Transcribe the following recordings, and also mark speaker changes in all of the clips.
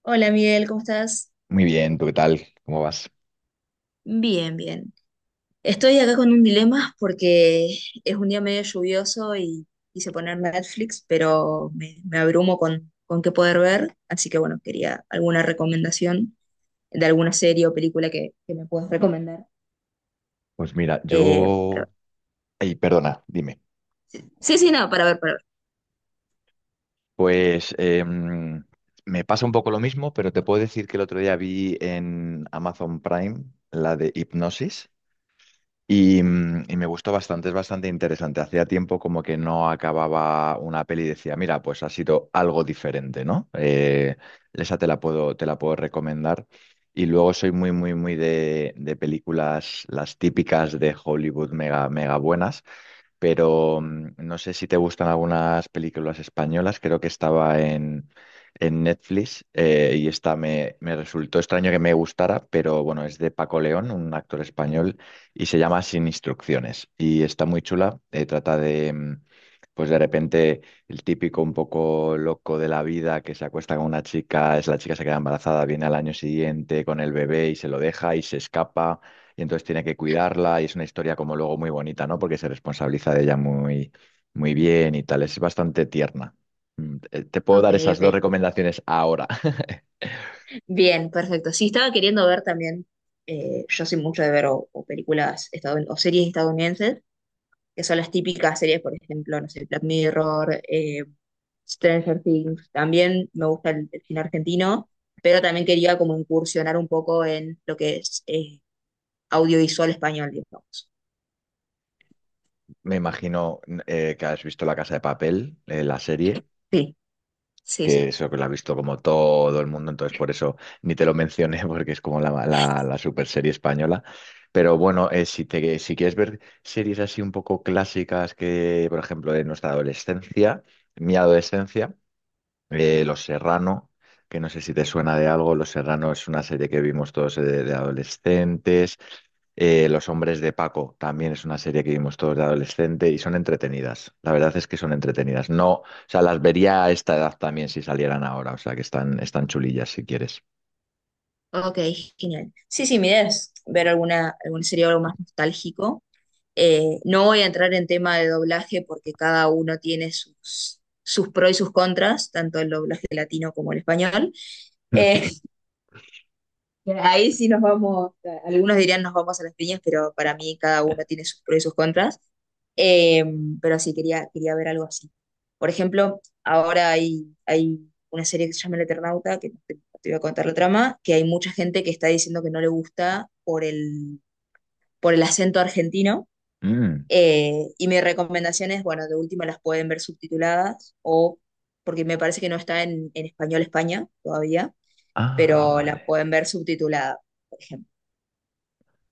Speaker 1: Hola, Miguel, ¿cómo estás?
Speaker 2: Muy bien, ¿tú qué tal? ¿Cómo vas?
Speaker 1: Bien, bien. Estoy acá con un dilema porque es un día medio lluvioso y quise poner Netflix, pero me abrumo con qué poder ver, así que bueno, quería alguna recomendación de alguna serie o película que me puedas recomendar.
Speaker 2: Pues mira,
Speaker 1: Eh,
Speaker 2: yo...
Speaker 1: para-
Speaker 2: Ay, perdona, dime.
Speaker 1: sí, sí, no, para ver, para ver.
Speaker 2: Pues me pasa un poco lo mismo, pero te puedo decir que el otro día vi en Amazon Prime la de Hipnosis y y me gustó bastante, es bastante interesante. Hacía tiempo como que no acababa una peli y decía, mira, pues ha sido algo diferente, ¿no? Esa te la puedo recomendar. Y luego soy muy, muy, muy de películas, las típicas de Hollywood mega, mega buenas. Pero no sé si te gustan algunas películas españolas, creo que en Netflix, y me resultó extraño que me gustara, pero bueno, es de Paco León, un actor español, y se llama Sin instrucciones y está muy chula, trata de... pues de repente el típico un poco loco de la vida que se acuesta con una chica, es la chica se queda embarazada, viene al año siguiente con el bebé y se lo deja y se escapa, y entonces tiene que cuidarla y es una historia como luego muy bonita, ¿no? Porque se responsabiliza de ella muy, muy bien y tal, es bastante tierna. Te puedo
Speaker 1: Ok,
Speaker 2: dar esas dos
Speaker 1: ok.
Speaker 2: recomendaciones ahora.
Speaker 1: Bien, perfecto. Sí, estaba queriendo ver también, yo soy mucho de ver o o series estadounidenses. Que son las típicas series, por ejemplo, no sé, Black Mirror, Stranger Things, también me gusta el cine argentino, pero también quería como incursionar un poco en lo que es audiovisual español, digamos.
Speaker 2: Me imagino que has visto La Casa de Papel, la serie,
Speaker 1: Sí, sí,
Speaker 2: que
Speaker 1: sí.
Speaker 2: eso que lo ha visto como todo el mundo, entonces por eso ni te lo mencioné porque es como la super serie española. Pero bueno, si te, si quieres ver series así un poco clásicas que, por ejemplo, de nuestra adolescencia, mi adolescencia, Los Serrano, que no sé si te suena de algo. Los Serrano es una serie que vimos todos, de adolescentes. Los Hombres de Paco también es una serie que vimos todos de adolescente y son entretenidas. La verdad es que son entretenidas. No, o sea, las vería a esta edad también si salieran ahora. O sea, que están chulillas si quieres.
Speaker 1: Ok, genial. Sí, sí, mi idea es ver alguna serie o algo más nostálgico. No voy a entrar en tema de doblaje porque cada uno tiene sus pros y sus contras, tanto el doblaje latino como el español. Eh, Ahí sí nos vamos, algunos dirían nos vamos a las piñas, pero para mí cada uno tiene sus pros y sus contras. Eh, pero sí, quería ver algo así. Por ejemplo, ahora hay una serie que se llama El Eternauta, que no te voy a contar la trama, que hay mucha gente que está diciendo que no le gusta por el acento argentino.
Speaker 2: Mm.
Speaker 1: Y mi recomendación es, bueno, de última las pueden ver subtituladas o porque me parece que no está en español España todavía,
Speaker 2: Ah,
Speaker 1: pero la
Speaker 2: vale.
Speaker 1: pueden ver subtitulada, por ejemplo.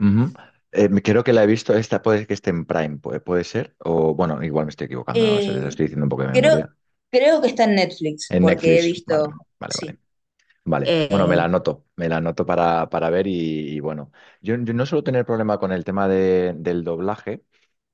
Speaker 2: Ujú. Creo que la he visto, esta puede que esté en Prime, puede ser, o bueno, igual me estoy equivocando, no lo sé, te
Speaker 1: Eh,
Speaker 2: lo estoy diciendo un poco de
Speaker 1: creo,
Speaker 2: memoria.
Speaker 1: creo que está en Netflix,
Speaker 2: En
Speaker 1: porque he
Speaker 2: Netflix, vale,
Speaker 1: visto,
Speaker 2: vale, vale.
Speaker 1: sí.
Speaker 2: Vale, bueno,
Speaker 1: Eh,
Speaker 2: me la anoto para ver y bueno, yo no suelo tener problema con el tema de- del doblaje.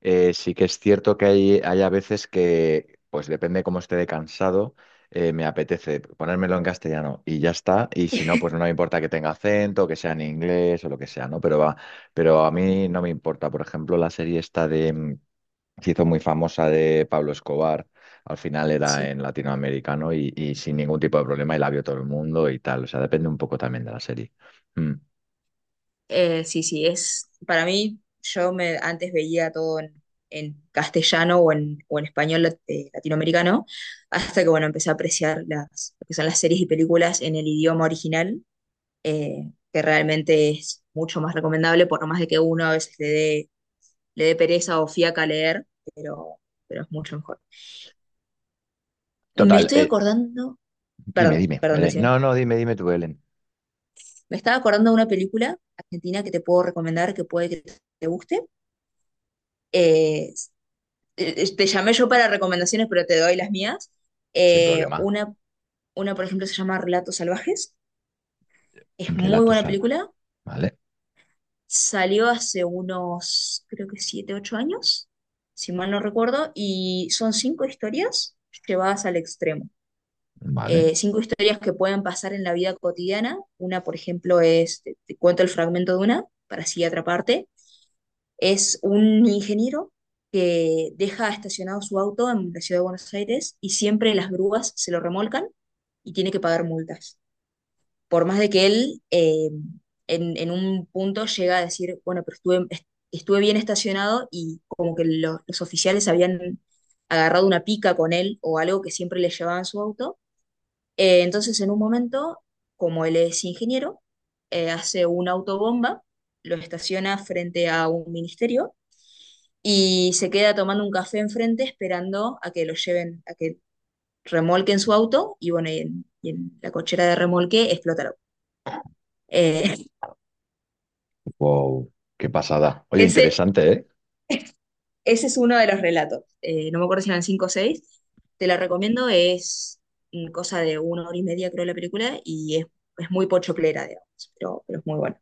Speaker 2: Sí que es cierto que hay a veces que, pues depende cómo esté de cansado, me apetece ponérmelo en castellano y ya está, y si no, pues no me importa que tenga acento, que sea en inglés o lo que sea, ¿no? Pero, va, pero a mí no me importa, por ejemplo, la serie esta de... se hizo muy famosa, de Pablo Escobar, al final era
Speaker 1: sí,
Speaker 2: en latinoamericano y sin ningún tipo de problema y la vio todo el mundo y tal. O sea, depende un poco también de la serie. Mm.
Speaker 1: sí, sí, es, para mí, antes veía todo en castellano o en español latinoamericano, hasta que, bueno, empecé a apreciar lo que son las series y películas en el idioma original, que realmente es mucho más recomendable, por más de que uno a veces le dé pereza o fiaca leer, pero, pero es mucho mejor. Me
Speaker 2: Total,
Speaker 1: estoy acordando.
Speaker 2: dime,
Speaker 1: Perdón,
Speaker 2: dime,
Speaker 1: perdón,
Speaker 2: Belén.
Speaker 1: decía.
Speaker 2: No, no, dime, dime tú, Belén.
Speaker 1: Me estaba acordando de una película argentina que te puedo recomendar, que puede que te guste. Eh, Te llamé yo para recomendaciones, pero te doy las mías.
Speaker 2: Sin
Speaker 1: Eh,
Speaker 2: problema.
Speaker 1: una, una por ejemplo, se llama Relatos Salvajes.
Speaker 2: Un
Speaker 1: Es muy
Speaker 2: Relato
Speaker 1: buena
Speaker 2: salvaje.
Speaker 1: película.
Speaker 2: Vale,
Speaker 1: Salió hace unos, creo que 7, 8 años, si mal no recuerdo, y son cinco historias llevadas al extremo.
Speaker 2: vale.
Speaker 1: Cinco historias que pueden pasar en la vida cotidiana. Una, por ejemplo, es, te cuento el fragmento de una, para así atraparte. Es un ingeniero que deja estacionado su auto en la ciudad de Buenos Aires y siempre las grúas se lo remolcan y tiene que pagar multas. Por más de que él en un punto llega a decir, bueno, pero estuve bien estacionado y como que los oficiales habían agarrado una pica con él o algo que siempre le llevaban su auto. Entonces en un momento, como él es ingeniero, hace una autobomba, lo estaciona frente a un ministerio y se queda tomando un café enfrente esperando a que lo lleven, a que remolquen su auto y bueno, y en la cochera de remolque explota el auto. Eh,
Speaker 2: Wow, qué pasada. Oye,
Speaker 1: ese,
Speaker 2: interesante, ¿eh?
Speaker 1: ese es uno de los relatos. No me acuerdo si eran 5 o seis. Te la recomiendo, es cosa de una hora y media, creo, la película y es muy pochoclera, digamos, pero es muy buena.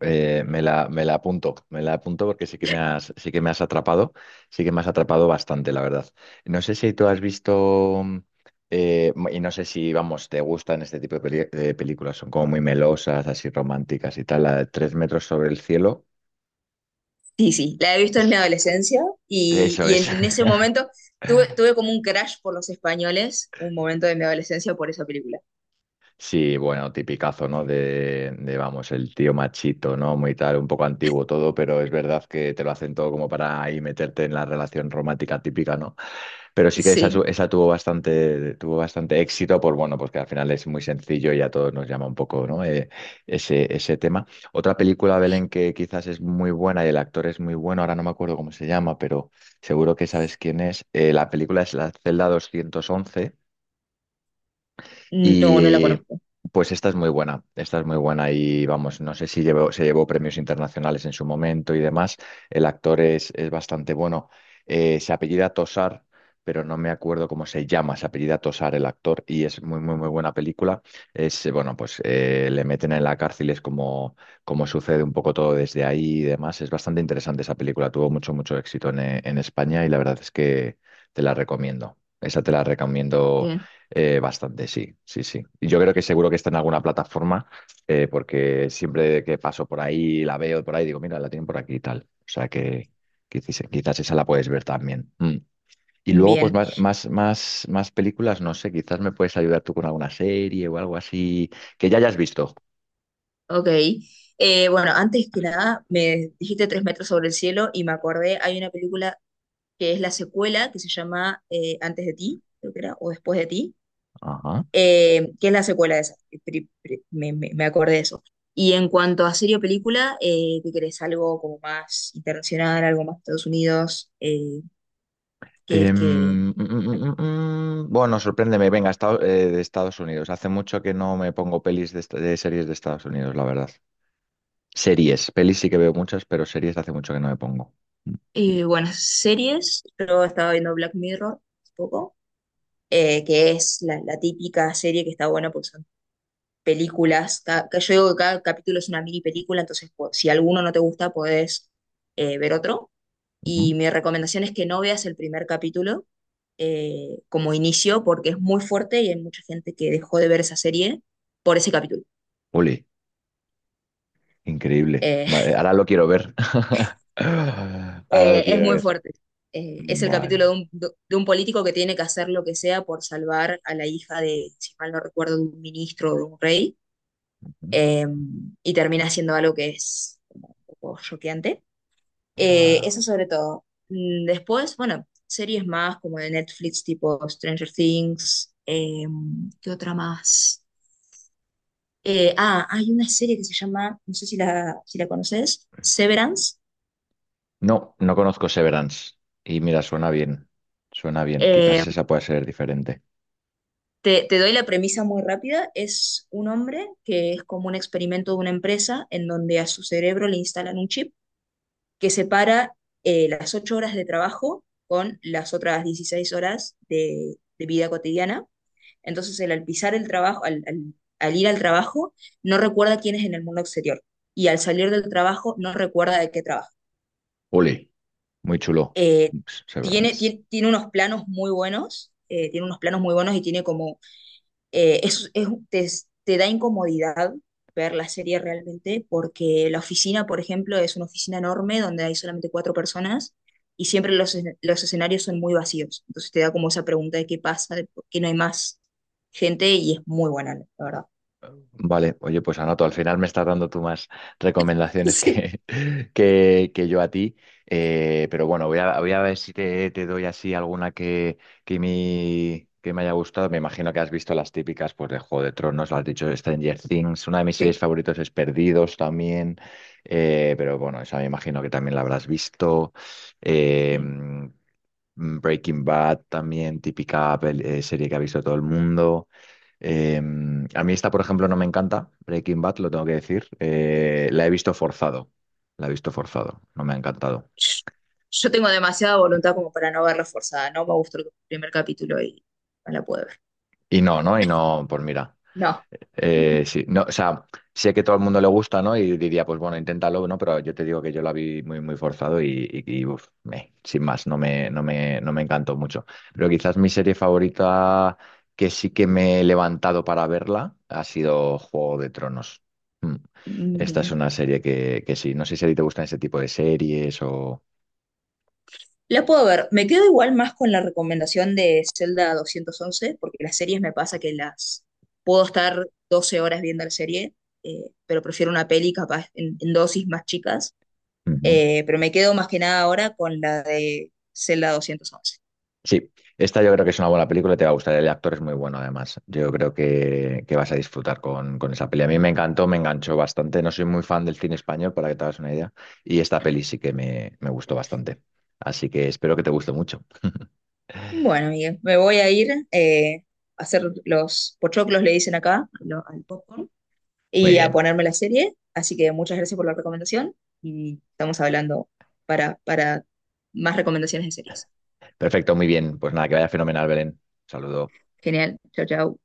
Speaker 2: Me la apunto porque sí que me has, sí que me has atrapado, sí que me has atrapado bastante, la verdad. No sé si tú has visto, y no sé si, vamos, te gustan este tipo de, peli- de películas, son como muy melosas, así románticas y tal, la de Tres metros sobre el cielo.
Speaker 1: Sí, sí, la he visto en mi adolescencia y,
Speaker 2: Eso
Speaker 1: y
Speaker 2: es.
Speaker 1: en ese momento tuve como un crash por los españoles, un momento de mi adolescencia por esa película.
Speaker 2: Sí, bueno, tipicazo, ¿no? Vamos, el tío machito, ¿no? Muy tal, un poco antiguo todo, pero es verdad que te lo hacen todo como para ahí meterte en la relación romántica típica, ¿no? Pero sí que esa, su-
Speaker 1: Sí.
Speaker 2: esa tuvo bastante éxito, por bueno, pues que al final es muy sencillo y a todos nos llama un poco, ¿no? Ese tema. Otra película, Belén, que quizás es muy buena y el actor es muy bueno, ahora no me acuerdo cómo se llama, pero seguro que sabes quién es. La película es La Celda 211. Y
Speaker 1: No, no la conozco.
Speaker 2: pues esta es muy buena, esta es muy buena y vamos, no sé si llevó- se llevó premios internacionales en su momento y demás. El actor es bastante bueno. Se apellida Tosar, pero no me acuerdo cómo se llama, se apellida Tosar el actor y es muy, muy, muy buena película. Es, bueno, pues le meten en la cárcel, es como, como sucede un poco todo desde ahí y demás. Es bastante interesante esa película, tuvo mucho, mucho éxito en España y la verdad es que te la recomiendo. Esa te la recomiendo
Speaker 1: Bien,
Speaker 2: bastante, sí, sí, sí. Y yo creo que seguro que está en alguna plataforma, porque siempre que paso por ahí, la veo por ahí, digo, mira, la tienen por aquí y tal. O sea que quizás, quizás esa la puedes ver también. Mm. Y luego, pues
Speaker 1: bien,
Speaker 2: más, más, más, más películas, no sé, quizás me puedes ayudar tú con alguna serie o algo así que ya hayas visto.
Speaker 1: ok. Bueno, antes que nada, me dijiste Tres metros sobre el cielo y me acordé, hay una película que es la secuela, que se llama Antes de ti, creo que era, o Después de ti,
Speaker 2: Ajá.
Speaker 1: que es la secuela de esa. Me me acordé de eso. Y en cuanto a serie o película, ¿qué querés? Algo como más internacional, algo más Estados Unidos, que es
Speaker 2: Em,
Speaker 1: que.
Speaker 2: mm, mm, mm. Bueno, sorpréndeme, venga, esta- de Estados Unidos. Hace mucho que no me pongo pelis de, esta- de series de Estados Unidos, la verdad. Series, pelis sí que veo muchas, pero series hace mucho que no me pongo.
Speaker 1: Bueno, series, yo estaba viendo Black Mirror hace poco, que es la típica serie que está buena porque son que yo digo que cada capítulo es una mini película, entonces si alguno no te gusta, podés ver otro.
Speaker 2: Ujú.
Speaker 1: Y mi recomendación es que no veas el primer capítulo como inicio porque es muy fuerte y hay mucha gente que dejó de ver esa serie por ese capítulo.
Speaker 2: Ole, increíble.
Speaker 1: Eh,
Speaker 2: Vale, ahora lo quiero ver. Ahora lo
Speaker 1: es
Speaker 2: quiero
Speaker 1: muy
Speaker 2: ver.
Speaker 1: fuerte. Es el
Speaker 2: Vale,
Speaker 1: capítulo de
Speaker 2: vale.
Speaker 1: un político que tiene que hacer lo que sea por salvar a la hija de, si mal no recuerdo, de un ministro o de un rey
Speaker 2: Ujú.
Speaker 1: eh, y termina siendo algo que es un poco choqueante.
Speaker 2: Va.
Speaker 1: Eso sobre todo. Después, bueno, series más como de Netflix, tipo Stranger Things, ¿qué otra más? Hay una serie que se llama, no sé si la conoces, Severance.
Speaker 2: No, no conozco Severance. Y mira, suena bien. Suena bien.
Speaker 1: Eh,
Speaker 2: Quizás esa pueda ser diferente.
Speaker 1: te doy la premisa muy rápida. Es un hombre que es como un experimento de una empresa en donde a su cerebro le instalan un chip que separa las 8 horas de trabajo con las otras 16 horas de vida cotidiana. Entonces, él, al pisar el trabajo, al ir al trabajo, no recuerda quién es en el mundo exterior. Y al salir del trabajo, no recuerda de qué trabaja.
Speaker 2: Ole, muy chulo.
Speaker 1: Eh, tiene,
Speaker 2: Severance.
Speaker 1: tiene, tiene, unos planos muy buenos, tiene unos planos muy buenos y tiene como eh, es, es- te, te da incomodidad ver la serie realmente, porque la oficina, por ejemplo, es una oficina enorme donde hay solamente cuatro personas y siempre los escenarios son muy vacíos. Entonces te da como esa pregunta de qué pasa, de por qué no hay más gente y es muy buena, la verdad.
Speaker 2: Vale, oye, pues anoto, al final me estás dando tú más recomendaciones
Speaker 1: Sí,
Speaker 2: que, que yo a ti. Pero bueno, voy a ver si te, te doy así alguna que, mi- que me haya gustado. Me imagino que has visto las típicas, pues de Juego de Tronos, lo has dicho Stranger Things, una de mis
Speaker 1: sí,
Speaker 2: series favoritos es Perdidos también. Pero bueno, esa me imagino que también la habrás visto. Eh,
Speaker 1: sí.
Speaker 2: Mm, Breaking Bad también, típica pel- serie que ha visto todo el mundo. Em, a mí esta, por ejemplo, no me encanta, Breaking Bad, lo tengo que decir. La he visto forzado, la he visto forzado, no me ha encantado.
Speaker 1: Yo tengo demasiada voluntad como para no verla forzada, no me gustó el primer capítulo y no la puedo ver.
Speaker 2: Y no, ¿no? Y no, pues mira.
Speaker 1: No,
Speaker 2: Sí, no, o sea, sé que todo el mundo le gusta, ¿no? Y diría, pues bueno, inténtalo, ¿no? Pero yo te digo que yo la vi muy, muy forzado y, uf, me- sin más, no me encantó mucho. Pero quizás mi serie favorita que sí que me he levantado para verla ha sido Juego de Tronos. Mm.
Speaker 1: mm,
Speaker 2: Esta es
Speaker 1: bien.
Speaker 2: una serie que sí, no sé si a ti te gustan ese tipo de series o...
Speaker 1: La puedo ver. Me quedo igual más con la recomendación de Zelda 211 porque las series me pasa que las puedo estar 12 horas viendo la serie, pero prefiero una peli capaz en dosis más chicas. Pero me quedo más que nada ahora con la de Zelda 211.
Speaker 2: Sí, esta yo creo que es una buena película, te va a gustar, el actor es muy bueno además, yo creo que vas a disfrutar con esa peli. A mí me encantó, me enganchó bastante, no soy muy fan del cine español, para que te hagas una idea, y esta peli sí que me gustó bastante, así que espero que te guste mucho.
Speaker 1: Bueno, Miguel, me voy a ir, a hacer los pochoclos, le dicen acá, al popcorn,
Speaker 2: Muy
Speaker 1: y a
Speaker 2: bien,
Speaker 1: ponerme la serie. Así que muchas gracias por la recomendación y estamos hablando para más recomendaciones de series.
Speaker 2: perfecto, muy bien, pues nada, que vaya fenomenal, Belén. Saludo.
Speaker 1: Genial. Chao, chao.